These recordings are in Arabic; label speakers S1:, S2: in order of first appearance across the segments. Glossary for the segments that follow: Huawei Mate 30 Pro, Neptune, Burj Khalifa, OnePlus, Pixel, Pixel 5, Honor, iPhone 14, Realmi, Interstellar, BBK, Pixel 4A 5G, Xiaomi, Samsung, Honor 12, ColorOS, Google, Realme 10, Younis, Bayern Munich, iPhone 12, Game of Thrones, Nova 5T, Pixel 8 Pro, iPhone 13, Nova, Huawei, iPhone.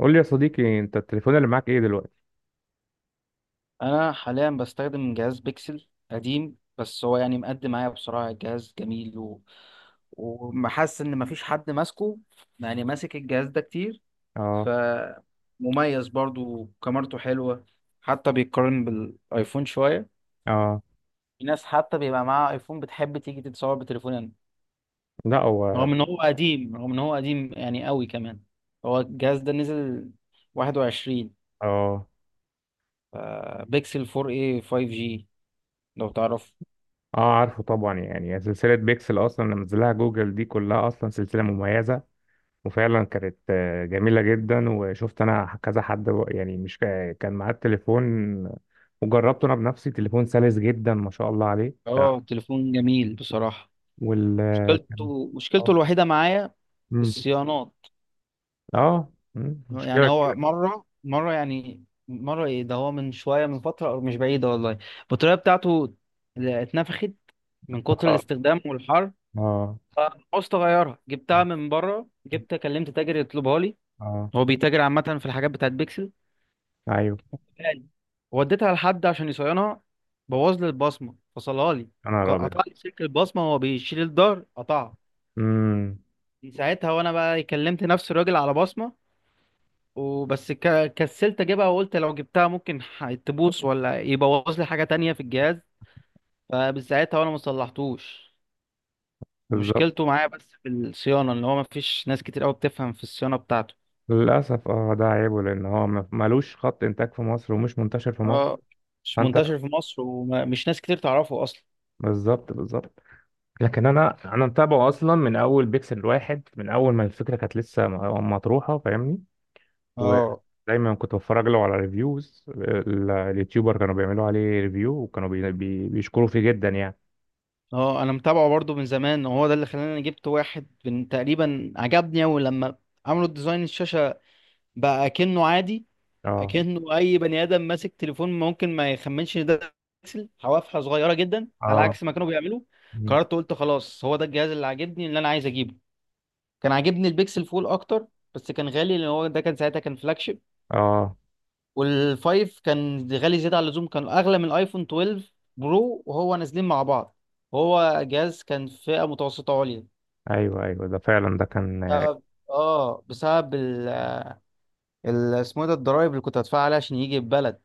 S1: قول لي يا صديقي، انت التليفون اللي معاك ايه دلوقتي؟
S2: انا حاليا بستخدم جهاز بيكسل قديم، بس هو يعني مقدم معايا بصراحه جهاز جميل ومحس ان مفيش حد ماسكه، يعني ماسك الجهاز ده كتير.
S1: اه.
S2: فمميز برضو كاميرته حلوه، حتى بيتقارن بالايفون شويه.
S1: اه.
S2: في ناس حتى بيبقى معاها ايفون بتحب تيجي تتصور بتليفونها.
S1: لا، هو.
S2: رغم ان هو قديم يعني قوي كمان. هو الجهاز ده نزل 21.
S1: اه.
S2: ف- بيكسل 4A 5G لو تعرف.
S1: اه. عارفه طبعا، يعني سلسلة بيكسل اصلا لما نزلها جوجل دي كلها اصلا سلسلة مميزة. وفعلا كانت جميلة جدا، وشفت انا كذا حد يعني مش كان معاه التليفون وجربته انا بنفسي. تليفون سلس جدا ما شاء الله عليه،
S2: اه
S1: تمام.
S2: تليفون جميل بصراحة.
S1: وال كان-
S2: مشكلته
S1: اه.
S2: الوحيدة معايا
S1: مم.
S2: الصيانات.
S1: اه. مم.
S2: يعني
S1: مشكلة
S2: هو
S1: كده.
S2: مرة مرة يعني مرة ايه ده هو من شوية من فترة أو مش بعيدة والله البطارية بتاعته اللي اتنفخت من كتر
S1: اه.
S2: الاستخدام والحر.
S1: اه.
S2: عاوزت اغيرها، جبتها من بره، جبت كلمت تاجر يطلبها لي،
S1: اه.
S2: هو بيتاجر عامة في الحاجات بتاعت بيكسل.
S1: ايوه.
S2: غالي. وديتها لحد عشان يصينها، بوظ لي البصمة، فصلها لي،
S1: انا رابط.
S2: قطع لي سلك البصمة، هو بيشيل الظهر قطعها.
S1: امم
S2: من ساعتها وانا بقى كلمت نفس الراجل على بصمه، وبس كسلت اجيبها، وقلت لو جبتها ممكن تبوظ ولا يبوظ لي حاجه تانية في الجهاز، فمن ساعتها وانا ما صلحتوش.
S1: بالظبط.
S2: مشكلته معايا بس في الصيانه ان هو ما فيش ناس كتير قوي بتفهم في الصيانه بتاعته.
S1: للأسف ده عيبه، لأن هو ملوش خط إنتاج في مصر ومش منتشر في مصر.
S2: اه مش
S1: فأنت،
S2: منتشر في مصر ومش ناس كتير تعرفه اصلا.
S1: بالظبط بالظبط. لكن أنا متابعه أصلا من أول بيكسل واحد، من أول ما الفكرة كانت لسه مطروحة، فاهمني.
S2: اه.
S1: ودايما كنت بتفرج له على ريفيوز. اليوتيوبر كانوا بيعملوا عليه ريفيو، وكانوا بي بي بيشكروا فيه جدا يعني.
S2: اه انا متابعه برضو من زمان، وهو ده اللي خلاني جبت واحد، من تقريبا عجبني اول لما عملوا ديزاين الشاشه بقى كأنه عادي،
S1: اه.
S2: اكنه اي بني ادم ماسك تليفون ممكن ما يخمنش ان ده بيكسل. حوافها صغيره جدا على
S1: اه.
S2: عكس ما كانوا بيعملوا.
S1: مم.
S2: قررت قلت خلاص هو ده الجهاز اللي عاجبني اللي انا عايز اجيبه. كان عاجبني البيكسل فول اكتر، بس كان غالي لان هو ده كان ساعتها كان فلاج شيب.
S1: اه.
S2: والفايف كان غالي زياده عن اللزوم، كان اغلى من الايفون 12 برو وهو نازلين مع بعض. هو جهاز كان فئه متوسطه عليا.
S1: ايوه ايوه، ده فعلا ده كان
S2: بسبب اه بسبب اسمه إيه ده الضرايب اللي كنت هدفعها عليها عشان يجي البلد.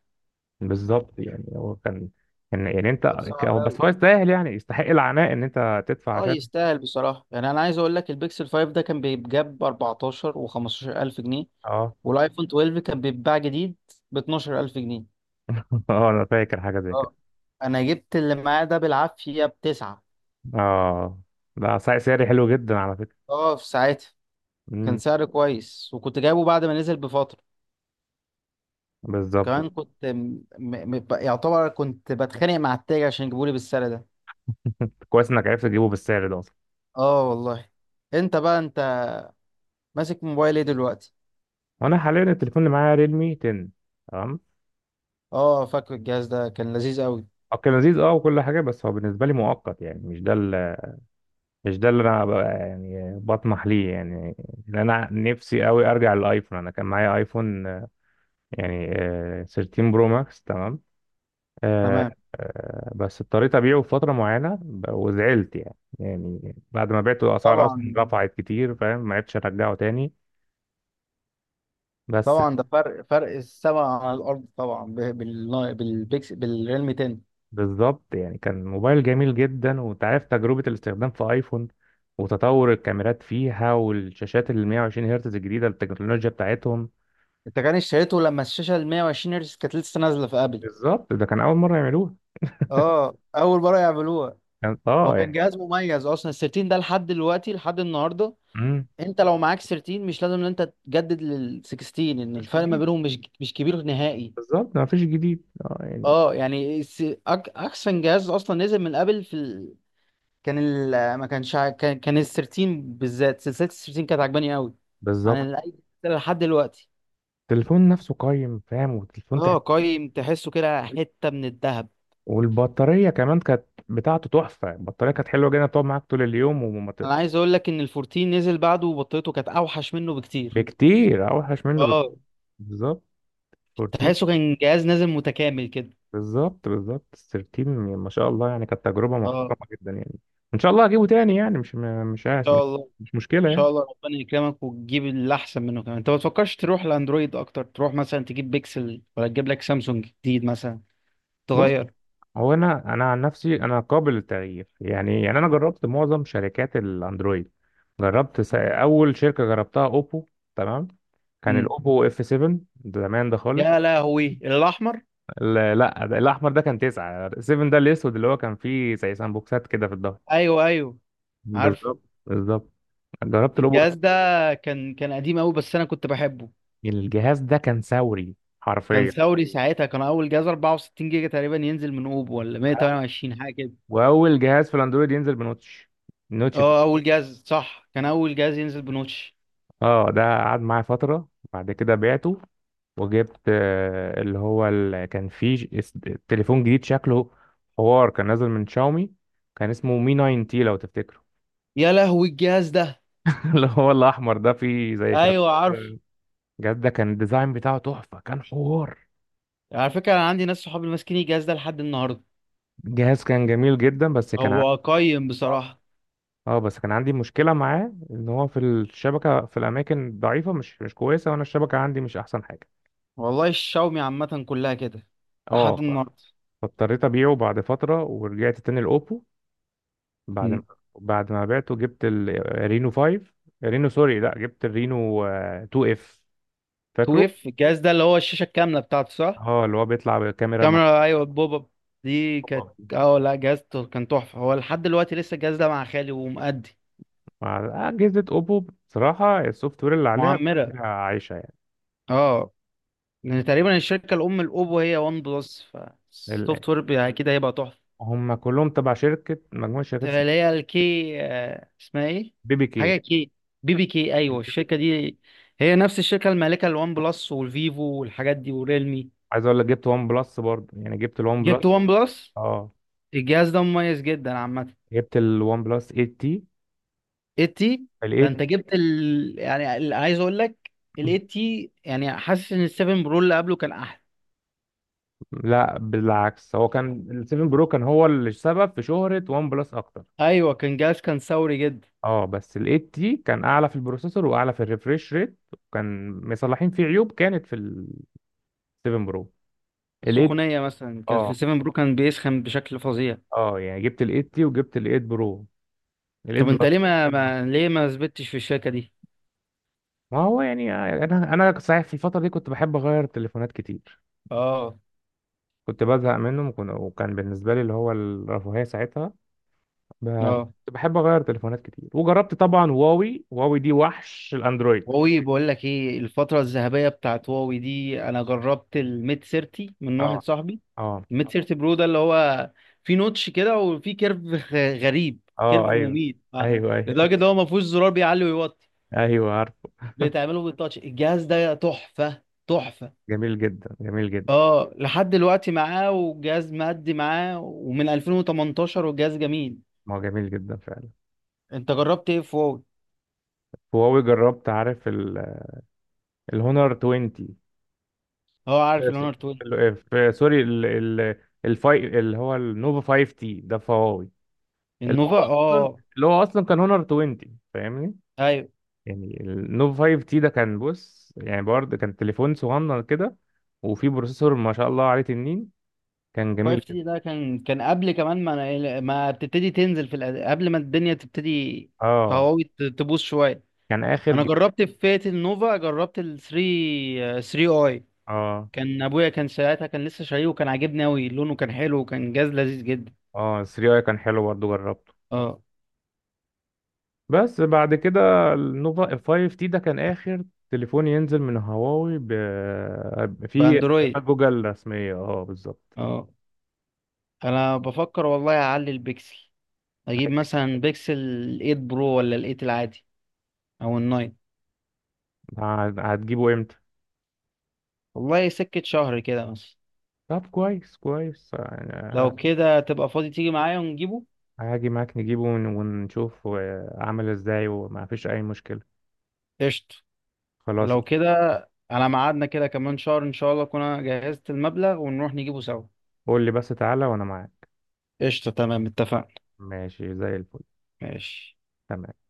S1: بالظبط. يعني هو كان، كان يعني انت،
S2: كان صعب.
S1: هو بس هو يستاهل، يعني يستحق العناء ان انت تدفع
S2: اه
S1: عشان.
S2: يستاهل بصراحة، يعني انا عايز اقول لك البيكسل 5 ده كان بيتجاب ب 14 و 15 الف جنيه،
S1: اه.
S2: والايفون 12 كان بيتباع جديد ب 12 الف جنيه.
S1: اه، انا فاكر حاجه زي كده.
S2: اه انا جبت اللي معاه ده بالعافية بتسعة.
S1: اه، ده سعري حلو جدا على فكره.
S2: اه في ساعتها كان
S1: امم
S2: سعر كويس، وكنت جايبه بعد ما نزل بفترة.
S1: بالظبط.
S2: كمان كنت يعتبر كنت بتخانق مع التاجر عشان يجيبولي بالسعر ده.
S1: كويس انك عرفت تجيبه بالسعر ده اصلا.
S2: اه والله. انت بقى انت ماسك موبايل ايه دلوقتي؟
S1: وانا حاليا التليفون اللي معايا ريلمي 10، تمام.
S2: اه فاكر الجهاز ده كان لذيذ قوي.
S1: هو كان لذيذ اه، وكل حاجه، بس هو بالنسبه لي مؤقت. يعني مش ده مش ده اللي انا بقى يعني بطمح ليه، يعني. لان انا نفسي قوي ارجع للايفون. انا كان معايا ايفون يعني 13 برو ماكس، تمام. آه،
S2: تمام.
S1: بس اضطريت أبيعه في فترة معينة وزعلت يعني. يعني بعد ما بعته الأسعار أصلا
S2: طبعا.
S1: رفعت كتير، فاهم، ما عرفتش أرجعه تاني. بس
S2: طبعا ده فرق السما عن الارض طبعا بالريلم 10.
S1: بالظبط. يعني كان موبايل جميل جدا، وأنت عارف تجربة الاستخدام في آيفون وتطور الكاميرات فيها، والشاشات ال 120 هرتز الجديدة، التكنولوجيا بتاعتهم.
S2: انت كان اشتريته لما الشاشه ال 120 هرتز كانت لسه نازله في ابل.
S1: بالظبط، ده كان أول مرة يعملوها.
S2: اه اول مره يعملوها.
S1: كان
S2: هو كان
S1: يعني.
S2: جهاز مميز اصلا ال 13 ده، لحد دلوقتي لحد النهارده.
S1: مم.
S2: انت لو معاك 13 مش لازم ان انت تجدد لل 16، ان
S1: مفيش
S2: الفرق ما
S1: جديد.
S2: بينهم مش مش كبير نهائي.
S1: بالظبط، ما فيش جديد يعني.
S2: اه يعني احسن جهاز اصلا نزل من ابل في كان ال ما كانش ع- كان كان ال 13 بالذات، سلسله ال 13 كانت عجباني قوي عن
S1: بالظبط.
S2: اي سلسله لحد دلوقتي.
S1: التليفون نفسه قايم، فاهم، والتليفون
S2: اه قايم تحسه كده حته من الذهب.
S1: والبطارية كمان كانت بتاعته تحفة، البطارية كانت حلوة جدا تقعد معاك طول اليوم
S2: انا عايز اقول لك ان ال 14 نزل بعده وبطيته كانت اوحش منه بكتير.
S1: بكتير أوحش منه
S2: اه
S1: بالظبط. 14
S2: تحسه كان جهاز نازل متكامل كده.
S1: بالظبط بالظبط. 13 ما شاء الله، يعني كانت تجربة
S2: اه ان
S1: محترمة جدا، يعني إن شاء الله هجيبه تاني. يعني مش مش عايز،
S2: شاء الله. ان
S1: مش مشكلة
S2: شاء
S1: يعني.
S2: الله ربنا يكرمك وتجيب اللي احسن منه كمان. انت ما تفكرش تروح لاندرويد اكتر، تروح مثلا تجيب بيكسل ولا تجيب لك سامسونج جديد مثلا؟
S1: بص،
S2: تغير.
S1: هو أنا عن نفسي أنا قابل للتغيير، يعني أنا جربت معظم شركات الأندرويد. جربت أول شركة جربتها أوبو، تمام. كان
S2: امم.
S1: الأوبو اف 7، زمان ده خالص.
S2: يا لهوي الاحمر.
S1: لا، ده الاحمر، ده كان 9. 7 ده الاسود، اللي هو كان فيه زي سامبوكسات كده في الظهر.
S2: ايوه ايوه عارفه.
S1: بالظبط بالظبط. جربت الاوبو،
S2: الجهاز ده كان قديم قوي بس انا كنت بحبه.
S1: الجهاز ده كان ثوري
S2: كان
S1: حرفيا.
S2: ثوري ساعتها، كان اول جهاز 64 جيجا تقريبا ينزل من اوبو ولا
S1: وأول،
S2: 128 حاجه كده.
S1: وأول جهاز في الاندرويد ينزل بنوتش، النوتش بتاع
S2: اه اول جهاز صح، كان اول جهاز ينزل بنوتش.
S1: اه. ده قعد معايا فترة، بعد كده بعته. وجبت اللي هو كان فيه تليفون جديد شكله حوار، كان نازل من شاومي، كان اسمه مي 9 تي، لو تفتكره.
S2: يا لهوي الجهاز ده.
S1: اللي هو الاحمر ده فيه زي شراب
S2: ايوه عارف.
S1: كده. جد، ده كان الديزاين بتاعه تحفة، كان حوار.
S2: على فكره انا عندي ناس صحابي ماسكين الجهاز ده لحد النهارده.
S1: الجهاز كان جميل جدا بس كان عندي
S2: هو قيم بصراحه.
S1: اه، بس كان عندي مشكلة معاه ان هو في الشبكة في الاماكن ضعيفة مش كويسة، وانا الشبكة عندي مش احسن حاجة.
S2: والله الشاومي عامه كلها كده لحد
S1: اه.
S2: النهارده.
S1: فاضطريت ابيعه بعد فترة ورجعت تاني الاوبو. بعد ما
S2: 2
S1: بعد ما بعته، جبت الرينو 5. رينو، سوري، لا جبت الرينو 2 اف، فاكره.
S2: اف الجهاز ده اللي هو الشاشه الكامله بتاعته صح،
S1: اه، اللي هو بيطلع بكاميرا مع
S2: كاميرا ايوه البوب اب. دي كانت اه لا جهازته كان تحفه، هو لحد دلوقتي لسه الجهاز ده مع خالي ومؤدي.
S1: مع- أجهزة أوبو. بصراحة السوفت وير اللي عليها
S2: معمره.
S1: بيخليها عايشة،
S2: اه. لان تقريبا الشركه الام الاوبو هي وان بلس،
S1: يعني
S2: فالسوفت وير يعني اكيد هيبقى تحفه.
S1: هم كلهم تبع شركة، مجموعة شركات
S2: اللي
S1: اسمها
S2: هي الكي آه، اسمها ايه،
S1: بيبي كي.
S2: حاجه كي، بي بي كي ايوه
S1: البيبي
S2: الشركه
S1: كي.
S2: دي. هي نفس الشركه المالكه للوان بلس والفيفو والحاجات دي وريلمي.
S1: عايز اقول لك جبت ون بلس برضه، يعني جبت الون بلس.
S2: جبت وان بلس.
S1: اه،
S2: الجهاز ده مميز جدا عامه.
S1: جبت الون بلس 8 تي.
S2: 80.
S1: ال
S2: ده انت
S1: 8،
S2: جبت عايز اقول لك ال 80 يعني، حاسس ان ال 7 برو اللي قبله كان احلى.
S1: لا، بالعكس، هو كان ال 7 برو كان هو السبب في شهرة ون بلس اكتر.
S2: ايوه كان جاز كان ثوري جدا.
S1: اه، بس ال 8 تي كان اعلى في البروسيسور واعلى في الريفريش ريت، وكان مصلحين فيه عيوب كانت في ال 7 برو، ال 8.
S2: السخونيه مثلا كان في
S1: اه.
S2: 7 برو كان بيسخن بشكل فظيع.
S1: اه يعني جبت ال 8 تي، وجبت ال 8 برو، ال 8
S2: طب انت ليه ما,
S1: بلس.
S2: ما... ليه ما ثبتش في الشركه دي؟
S1: ما هو يعني انا صحيح في الفتره دي كنت بحب اغير تليفونات كتير.
S2: اه.
S1: كنت بزهق منهم، وكان بالنسبه لي اللي هو الرفاهيه ساعتها. ب-
S2: اه.
S1: كنت بحب اغير تليفونات كتير، وجربت طبعا هواوي. هواوي دي وحش الاندرويد.
S2: هواوي بقول لك ايه؟ الفتره الذهبيه بتاعت هواوي دي، انا جربت الميت 30 من واحد
S1: اه.
S2: صاحبي.
S1: اه.
S2: الميت 30 برو ده اللي هو في نوتش كده وفي كيرف غريب،
S1: اه.
S2: كيرف
S1: ايوه،
S2: مميت آه،
S1: ايوه، ايوه.
S2: لدرجه ان هو ما فيهوش زرار بيعلي ويوطي،
S1: ايوه عارف.
S2: بتعمله بالتاتش. الجهاز ده تحفة تحفة.
S1: جميل جدا، جميل جدا.
S2: اه لحد دلوقتي معاه، والجهاز مادي معاه ومن 2018 والجهاز جميل.
S1: ما هو جميل جدا فعلا.
S2: انت جربت ايه فوق؟
S1: هواوي جربت، عارف الهونر 20.
S2: اه عارف الاونر 12.
S1: في سوري الفاي اللي هو النوفا 5 تي ده في هواوي. اللي
S2: النوفا
S1: هو اصلا
S2: اه.
S1: اللي هو اصلا كان هونر 20، فاهمني.
S2: ايوه
S1: يعني النوف 5 تي ده كان، بص يعني برضه كان تليفون صغنن كده، وفيه بروسيسور ما شاء الله عليه تنين. كان جميل
S2: 5
S1: جدا.
S2: تي ده كان كان قبل كمان ما أنا- إيه، ما بتبتدي تنزل في قبل ما الدنيا تبتدي في
S1: اه
S2: هواوي تبوظ شويه.
S1: كان اخر
S2: انا جربت في فئه النوفا، جربت ال 3 3 اي،
S1: اه.
S2: كان ابويا كان ساعتها كان لسه شاريه، وكان عاجبني قوي لونه كان حلو وكان جهاز لذيذ جدا.
S1: اه. 3 اي كان حلو برضه، جربته.
S2: اه
S1: بس بعد كده النوفا 5 تي ده كان اخر تليفون ينزل من هواوي في
S2: باندرويد.
S1: خدمات جوجل رسمية. اه بالظبط.
S2: اه. انا بفكر والله اعلي البكسل، اجيب مثلا بكسل 8 برو ولا ال 8 العادي او ال 9.
S1: هتجيبه امتى؟
S2: والله سكة شهر كده مثلا.
S1: طب كويس كويس يعني.
S2: لو كده تبقى فاضي تيجي معايا ونجيبه.
S1: هاجي معاك نجيبه، ونشوف عامل ازاي وما فيش اي مشكلة.
S2: قشطة.
S1: خلاص.
S2: لو كده على ميعادنا كده كمان شهر، ان شاء الله اكون انا جهزت المبلغ ونروح نجيبه سوا.
S1: قول لي بس تعالى، وانا معاك.
S2: قشطة تمام اتفقنا.
S1: ماشي زي الفل.
S2: ماشي.
S1: تمام.